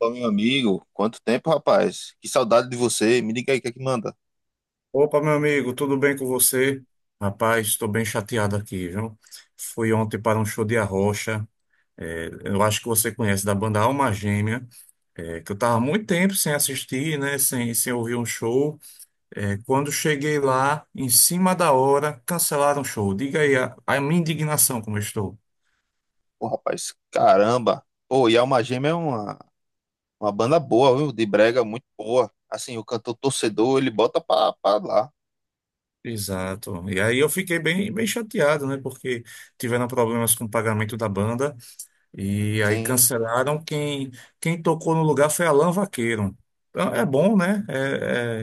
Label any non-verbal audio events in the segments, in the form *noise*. Opa, meu amigo, quanto tempo, rapaz? Que saudade de você. Me diga aí o que é que manda. Opa, meu amigo, tudo bem com você? Rapaz, estou bem chateado aqui, viu? Fui ontem para um show de Arrocha, eu acho que você conhece, da banda Alma Gêmea, que eu estava muito tempo sem assistir, né, sem ouvir um show. É, quando cheguei lá, em cima da hora, cancelaram o show. Diga aí a minha indignação como eu estou. Pô, rapaz, caramba. Pô, e a Alma Gêmea é uma banda boa, viu? De brega, muito boa. Assim, o cantor torcedor, ele bota pra lá. Exato. E aí eu fiquei bem chateado, né, porque tiveram problemas com o pagamento da banda. E aí Sim. cancelaram. Quem tocou no lugar foi Alan Vaqueiro. Então, é bom, né? É,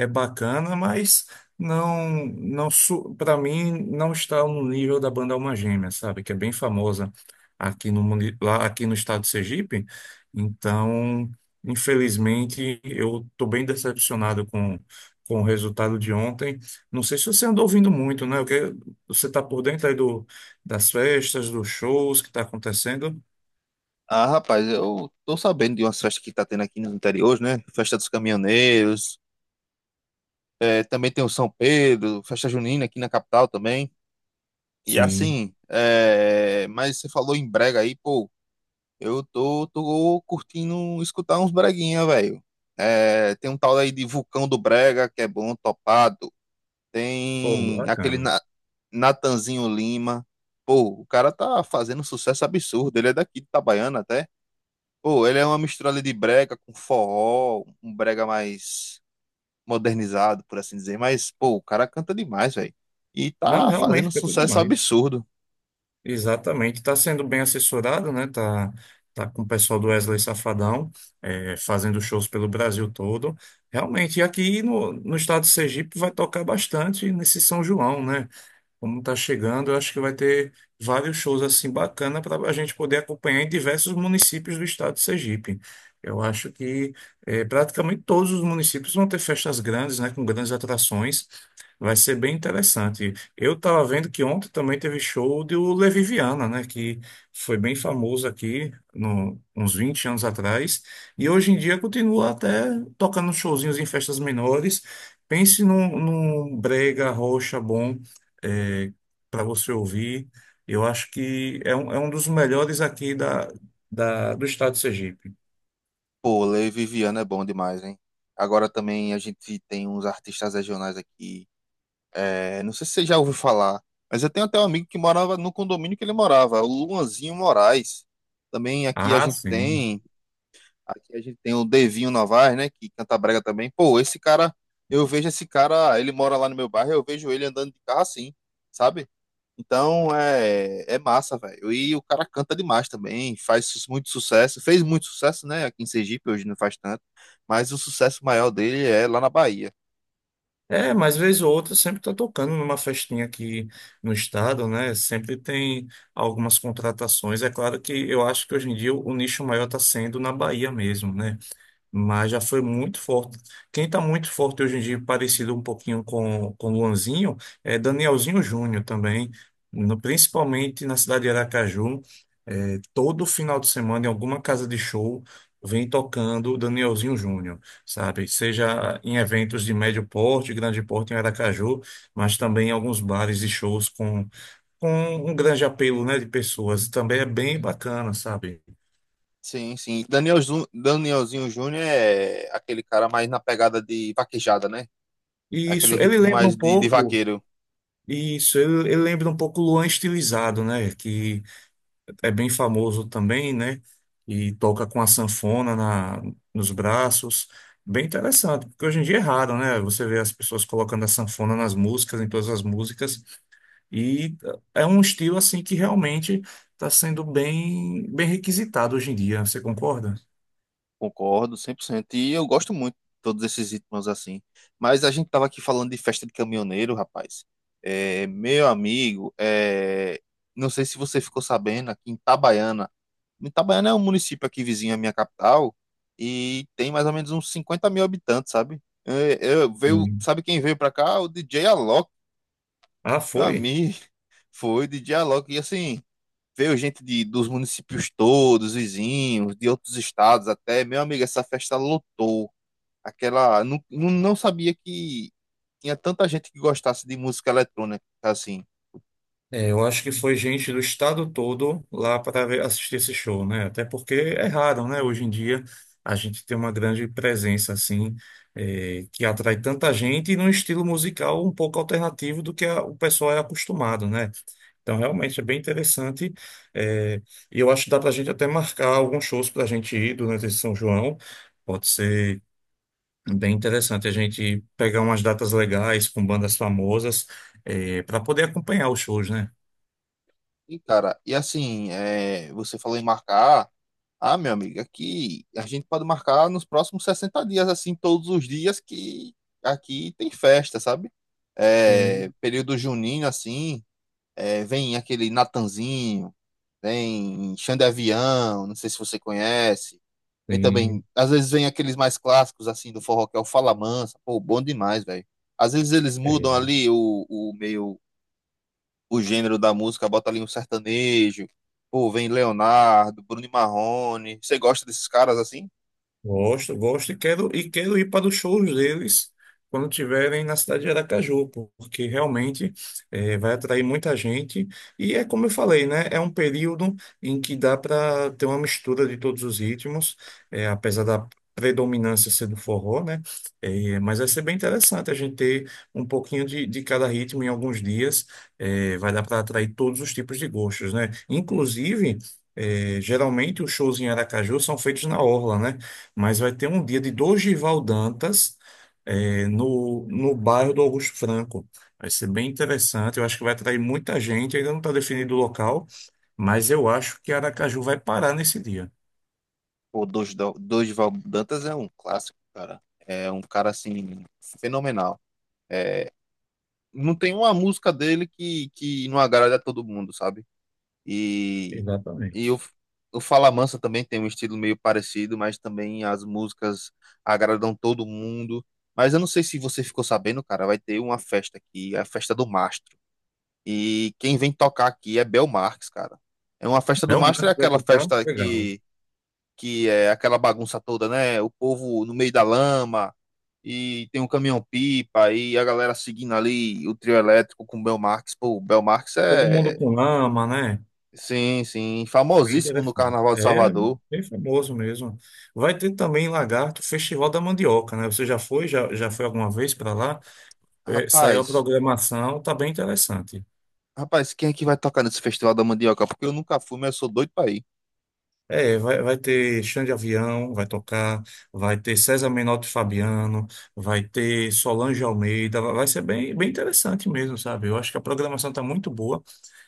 é, É bacana, mas não para mim não está no nível da banda Alma Gêmea, sabe? Que é bem famosa aqui no, muni- lá, aqui no estado de Sergipe. Então, infelizmente, eu estou bem decepcionado com o resultado de ontem. Não sei se você andou ouvindo muito, né? Você está por dentro aí das festas, dos shows que está acontecendo. Ah, rapaz, eu tô sabendo de umas festas que tá tendo aqui no interior, hoje, né? Festa dos Caminhoneiros, é, também tem o São Pedro, Festa Junina aqui na capital também. E Sim, assim, é, mas você falou em brega aí, pô. Eu tô curtindo escutar uns breguinha, velho. É, tem um tal aí de Vulcão do Brega, que é bom, topado. pô, Tem aquele bacana. Natanzinho Lima. Pô, o cara tá fazendo um sucesso absurdo. Ele é daqui de Itabaiana até. Pô, ele é uma mistura ali de brega com forró, um brega mais modernizado, por assim dizer. Mas, pô, o cara canta demais, velho. E Não, tá fazendo um realmente canta sucesso demais. absurdo. Exatamente, está sendo bem assessorado, né? Tá, tá com o pessoal do Wesley Safadão, fazendo shows pelo Brasil todo. Realmente, e aqui no, no estado de Sergipe vai tocar bastante nesse São João, né? Como está chegando, eu acho que vai ter vários shows assim bacana para a gente poder acompanhar em diversos municípios do estado de Sergipe. Eu acho que praticamente todos os municípios vão ter festas grandes, né, com grandes atrações. Vai ser bem interessante. Eu estava vendo que ontem também teve show do Levi Viana, né, que foi bem famoso aqui no, uns 20 anos atrás, e hoje em dia continua até tocando showzinhos em festas menores. Pense num brega, rocha bom para você ouvir. Eu acho que é um dos melhores aqui do estado de Sergipe. Pô, Lei Viviana é bom demais, hein? Agora também a gente tem uns artistas regionais aqui. É, não sei se você já ouviu falar, mas eu tenho até um amigo que morava no condomínio que ele morava, o Luanzinho Moraes. Também aqui a Ah, gente sim. Aqui a gente tem o Devinho Novaes, né, que canta brega também. Pô, esse cara, eu vejo esse cara, ele mora lá no meu bairro, eu vejo ele andando de carro assim, sabe? Então é massa, velho. E o cara canta demais também, muito sucesso. Fez muito sucesso, né? Aqui em Sergipe, hoje não faz tanto. Mas o sucesso maior dele é lá na Bahia. É, mas vez ou outra sempre está tocando numa festinha aqui no estado, né? Sempre tem algumas contratações. É claro que eu acho que hoje em dia o nicho maior está sendo na Bahia mesmo, né? Mas já foi muito forte. Quem está muito forte hoje em dia, parecido um pouquinho com Luanzinho, é Danielzinho Júnior também, principalmente na cidade de Aracaju. Todo final de semana em alguma casa de show vem tocando Danielzinho Júnior, sabe? Seja em eventos de médio porte, grande porte em Aracaju, mas também em alguns bares e shows com um grande apelo, né, de pessoas. Também é bem bacana, sabe? Sim, sim. Danielzinho Júnior é aquele cara mais na pegada de vaquejada, né? E Aquele isso, ele ritmo lembra um mais de pouco, vaqueiro. isso, ele lembra um pouco o Luan estilizado, né? Que é bem famoso também, né? E toca com a sanfona nos braços. Bem interessante, porque hoje em dia é raro, né? Você vê as pessoas colocando a sanfona nas músicas, em todas as músicas, e é um estilo assim que realmente está sendo bem requisitado hoje em dia. Você concorda? Concordo, 100%. E eu gosto muito de todos esses ritmos assim. Mas a gente tava aqui falando de festa de caminhoneiro, rapaz. É, meu amigo, é, não sei se você ficou sabendo, aqui em Itabaiana. Itabaiana é um município aqui vizinho à minha capital e tem mais ou menos uns 50.000 habitantes, sabe? É, veio, Sim. sabe quem veio pra cá? O DJ Alok, Ah, meu foi? amigo. *laughs* Foi DJ Alok. E assim, veio gente dos municípios todos, vizinhos, de outros estados até. Meu amigo, essa festa lotou aquela. Não sabia que tinha tanta gente que gostasse de música eletrônica, assim. É, eu acho que foi gente do estado todo lá assistir esse show, né? Até porque é raro, né? Hoje em dia a gente tem uma grande presença assim, é, que atrai tanta gente e num estilo musical um pouco alternativo do que o pessoal é acostumado, né? Então realmente é bem interessante. é, e eu acho que dá para a gente até marcar alguns shows para a gente ir durante esse São João. Pode ser bem interessante a gente pegar umas datas legais com bandas famosas, para poder acompanhar os shows, né? E, cara, e assim, é, você falou em marcar. Ah, meu amigo, aqui a gente pode marcar nos próximos 60 dias, assim, todos os dias que aqui tem festa, sabe? É, Sim, período junino, assim. É, vem aquele Natanzinho, vem Xande Avião, não sei se você conhece. Vem também, sim. às vezes vem aqueles mais clássicos, assim, do forró, que é o Fala Mansa. Pô, bom demais, velho. Às vezes eles mudam É, ali o meio, o gênero da música, bota ali um sertanejo. Pô, vem Leonardo, Bruno e Marrone. Você gosta desses caras, assim? gosto, e quero ir para os shows deles quando tiverem na cidade de Aracaju, porque realmente vai atrair muita gente. E é como eu falei, né? É um período em que dá para ter uma mistura de todos os ritmos, apesar da predominância ser do forró, né? Mas vai ser bem interessante a gente ter um pouquinho de cada ritmo em alguns dias. Vai dar para atrair todos os tipos de gostos, né? Inclusive. Geralmente os shows em Aracaju são feitos na orla, né? Mas vai ter um dia de Dorival Dantas no bairro do Augusto Franco. Vai ser bem interessante, eu acho que vai atrair muita gente, ainda não está definido o local, mas eu acho que Aracaju vai parar nesse dia. Pô, Dorival Dantas é um clássico, cara. É um cara, assim, fenomenal. É, não tem uma música dele que não agrada a todo mundo, sabe? E, e Exatamente. o Fala Mansa também tem um estilo meio parecido, mas também as músicas agradam todo mundo. Mas eu não sei se você ficou sabendo, cara, vai ter uma festa aqui, a festa do Mastro. E quem vem tocar aqui é Bel Marques, cara. É uma festa do Mastro, Belmarco é vai aquela tocar, festa legal. Que é aquela bagunça toda, né? O povo no meio da lama, e tem um caminhão-pipa, e a galera seguindo ali o trio elétrico com o Belmarx. Pô, o Belmarx Todo mundo é, com lama, né? sim, sim, Bem famosíssimo no interessante. Carnaval de É Salvador. bem famoso mesmo. Vai ter também em Lagarto, Festival da Mandioca, né? Você já foi? Já foi alguma vez para lá? É, saiu a Rapaz, programação, tá bem interessante. Rapaz, quem é que vai tocar nesse Festival da Mandioca? Porque eu nunca fui, mas eu sou doido pra ir. Vai ter Xande Avião, vai tocar, vai ter César Menotti e Fabiano, vai ter Solange Almeida, vai ser bem interessante mesmo, sabe? Eu acho que a programação está muito boa,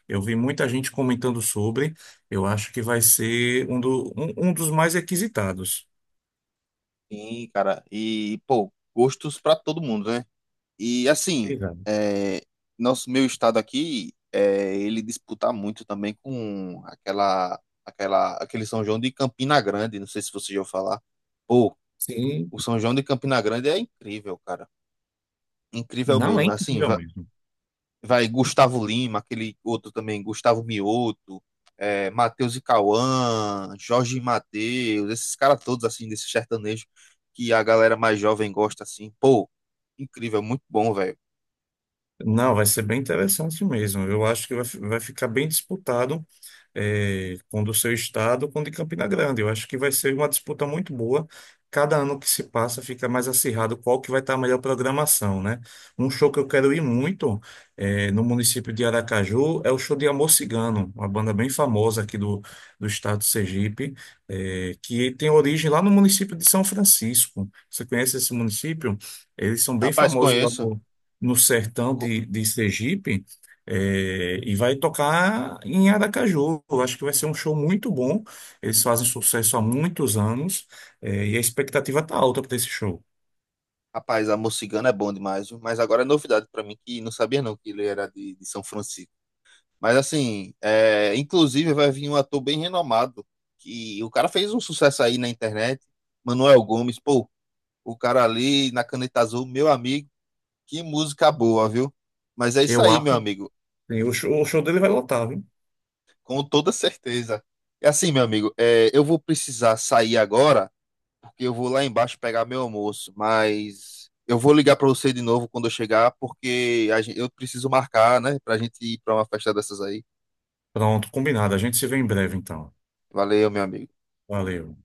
eu vi muita gente comentando sobre, eu acho que vai ser um dos mais requisitados. Sim, cara, e, pô, gostos pra todo mundo, né? E assim, Exato. é, nosso meu estado aqui, é, ele disputa muito também com aquele São João de Campina Grande. Não sei se você já ouviu falar. Pô, Sim, o São João de Campina Grande é incrível, cara. Incrível não é mesmo. Assim, incrível mesmo. vai Gustavo Lima, aquele outro também, Gustavo Mioto, é, Matheus e Cauã, Jorge e Matheus, esses caras todos, assim, desse sertanejo que a galera mais jovem gosta, assim. Pô, incrível, muito bom, velho. Não, vai ser bem interessante mesmo, eu acho que vai ficar bem disputado com o do seu estado, com o de Campina Grande. Eu acho que vai ser uma disputa muito boa. Cada ano que se passa fica mais acirrado qual que vai estar a melhor programação, né? Um show que eu quero ir muito no município de Aracaju é o show de Amor Cigano, uma banda bem famosa do estado de Sergipe, que tem origem lá no município de São Francisco. Você conhece esse município? Eles são bem Rapaz, famosos lá conheço. no, no sertão Co- de Sergipe. É, e vai tocar em Aracaju. Eu acho que vai ser um show muito bom. Eles fazem sucesso há muitos anos, é, e a expectativa tá alta para esse show. Rapaz, Amor Cigano é bom demais, viu? Mas agora é novidade pra mim que não sabia não que ele era de São Francisco. Mas assim, é, inclusive vai vir um ator bem renomado, que o cara fez um sucesso aí na internet, Manuel Gomes, pô, o cara ali na Caneta Azul, meu amigo, que música boa, viu? Mas é isso Eu aí, acho meu amigo, que o show dele vai lotar, viu? com toda certeza. É assim, meu amigo, é, eu vou precisar sair agora, que eu vou lá embaixo pegar meu almoço, mas eu vou ligar para você de novo quando eu chegar, porque a eu preciso marcar, né, pra gente ir para uma festa dessas aí. Pronto, combinado. A gente se vê em breve, então. Valeu, meu amigo. Valeu.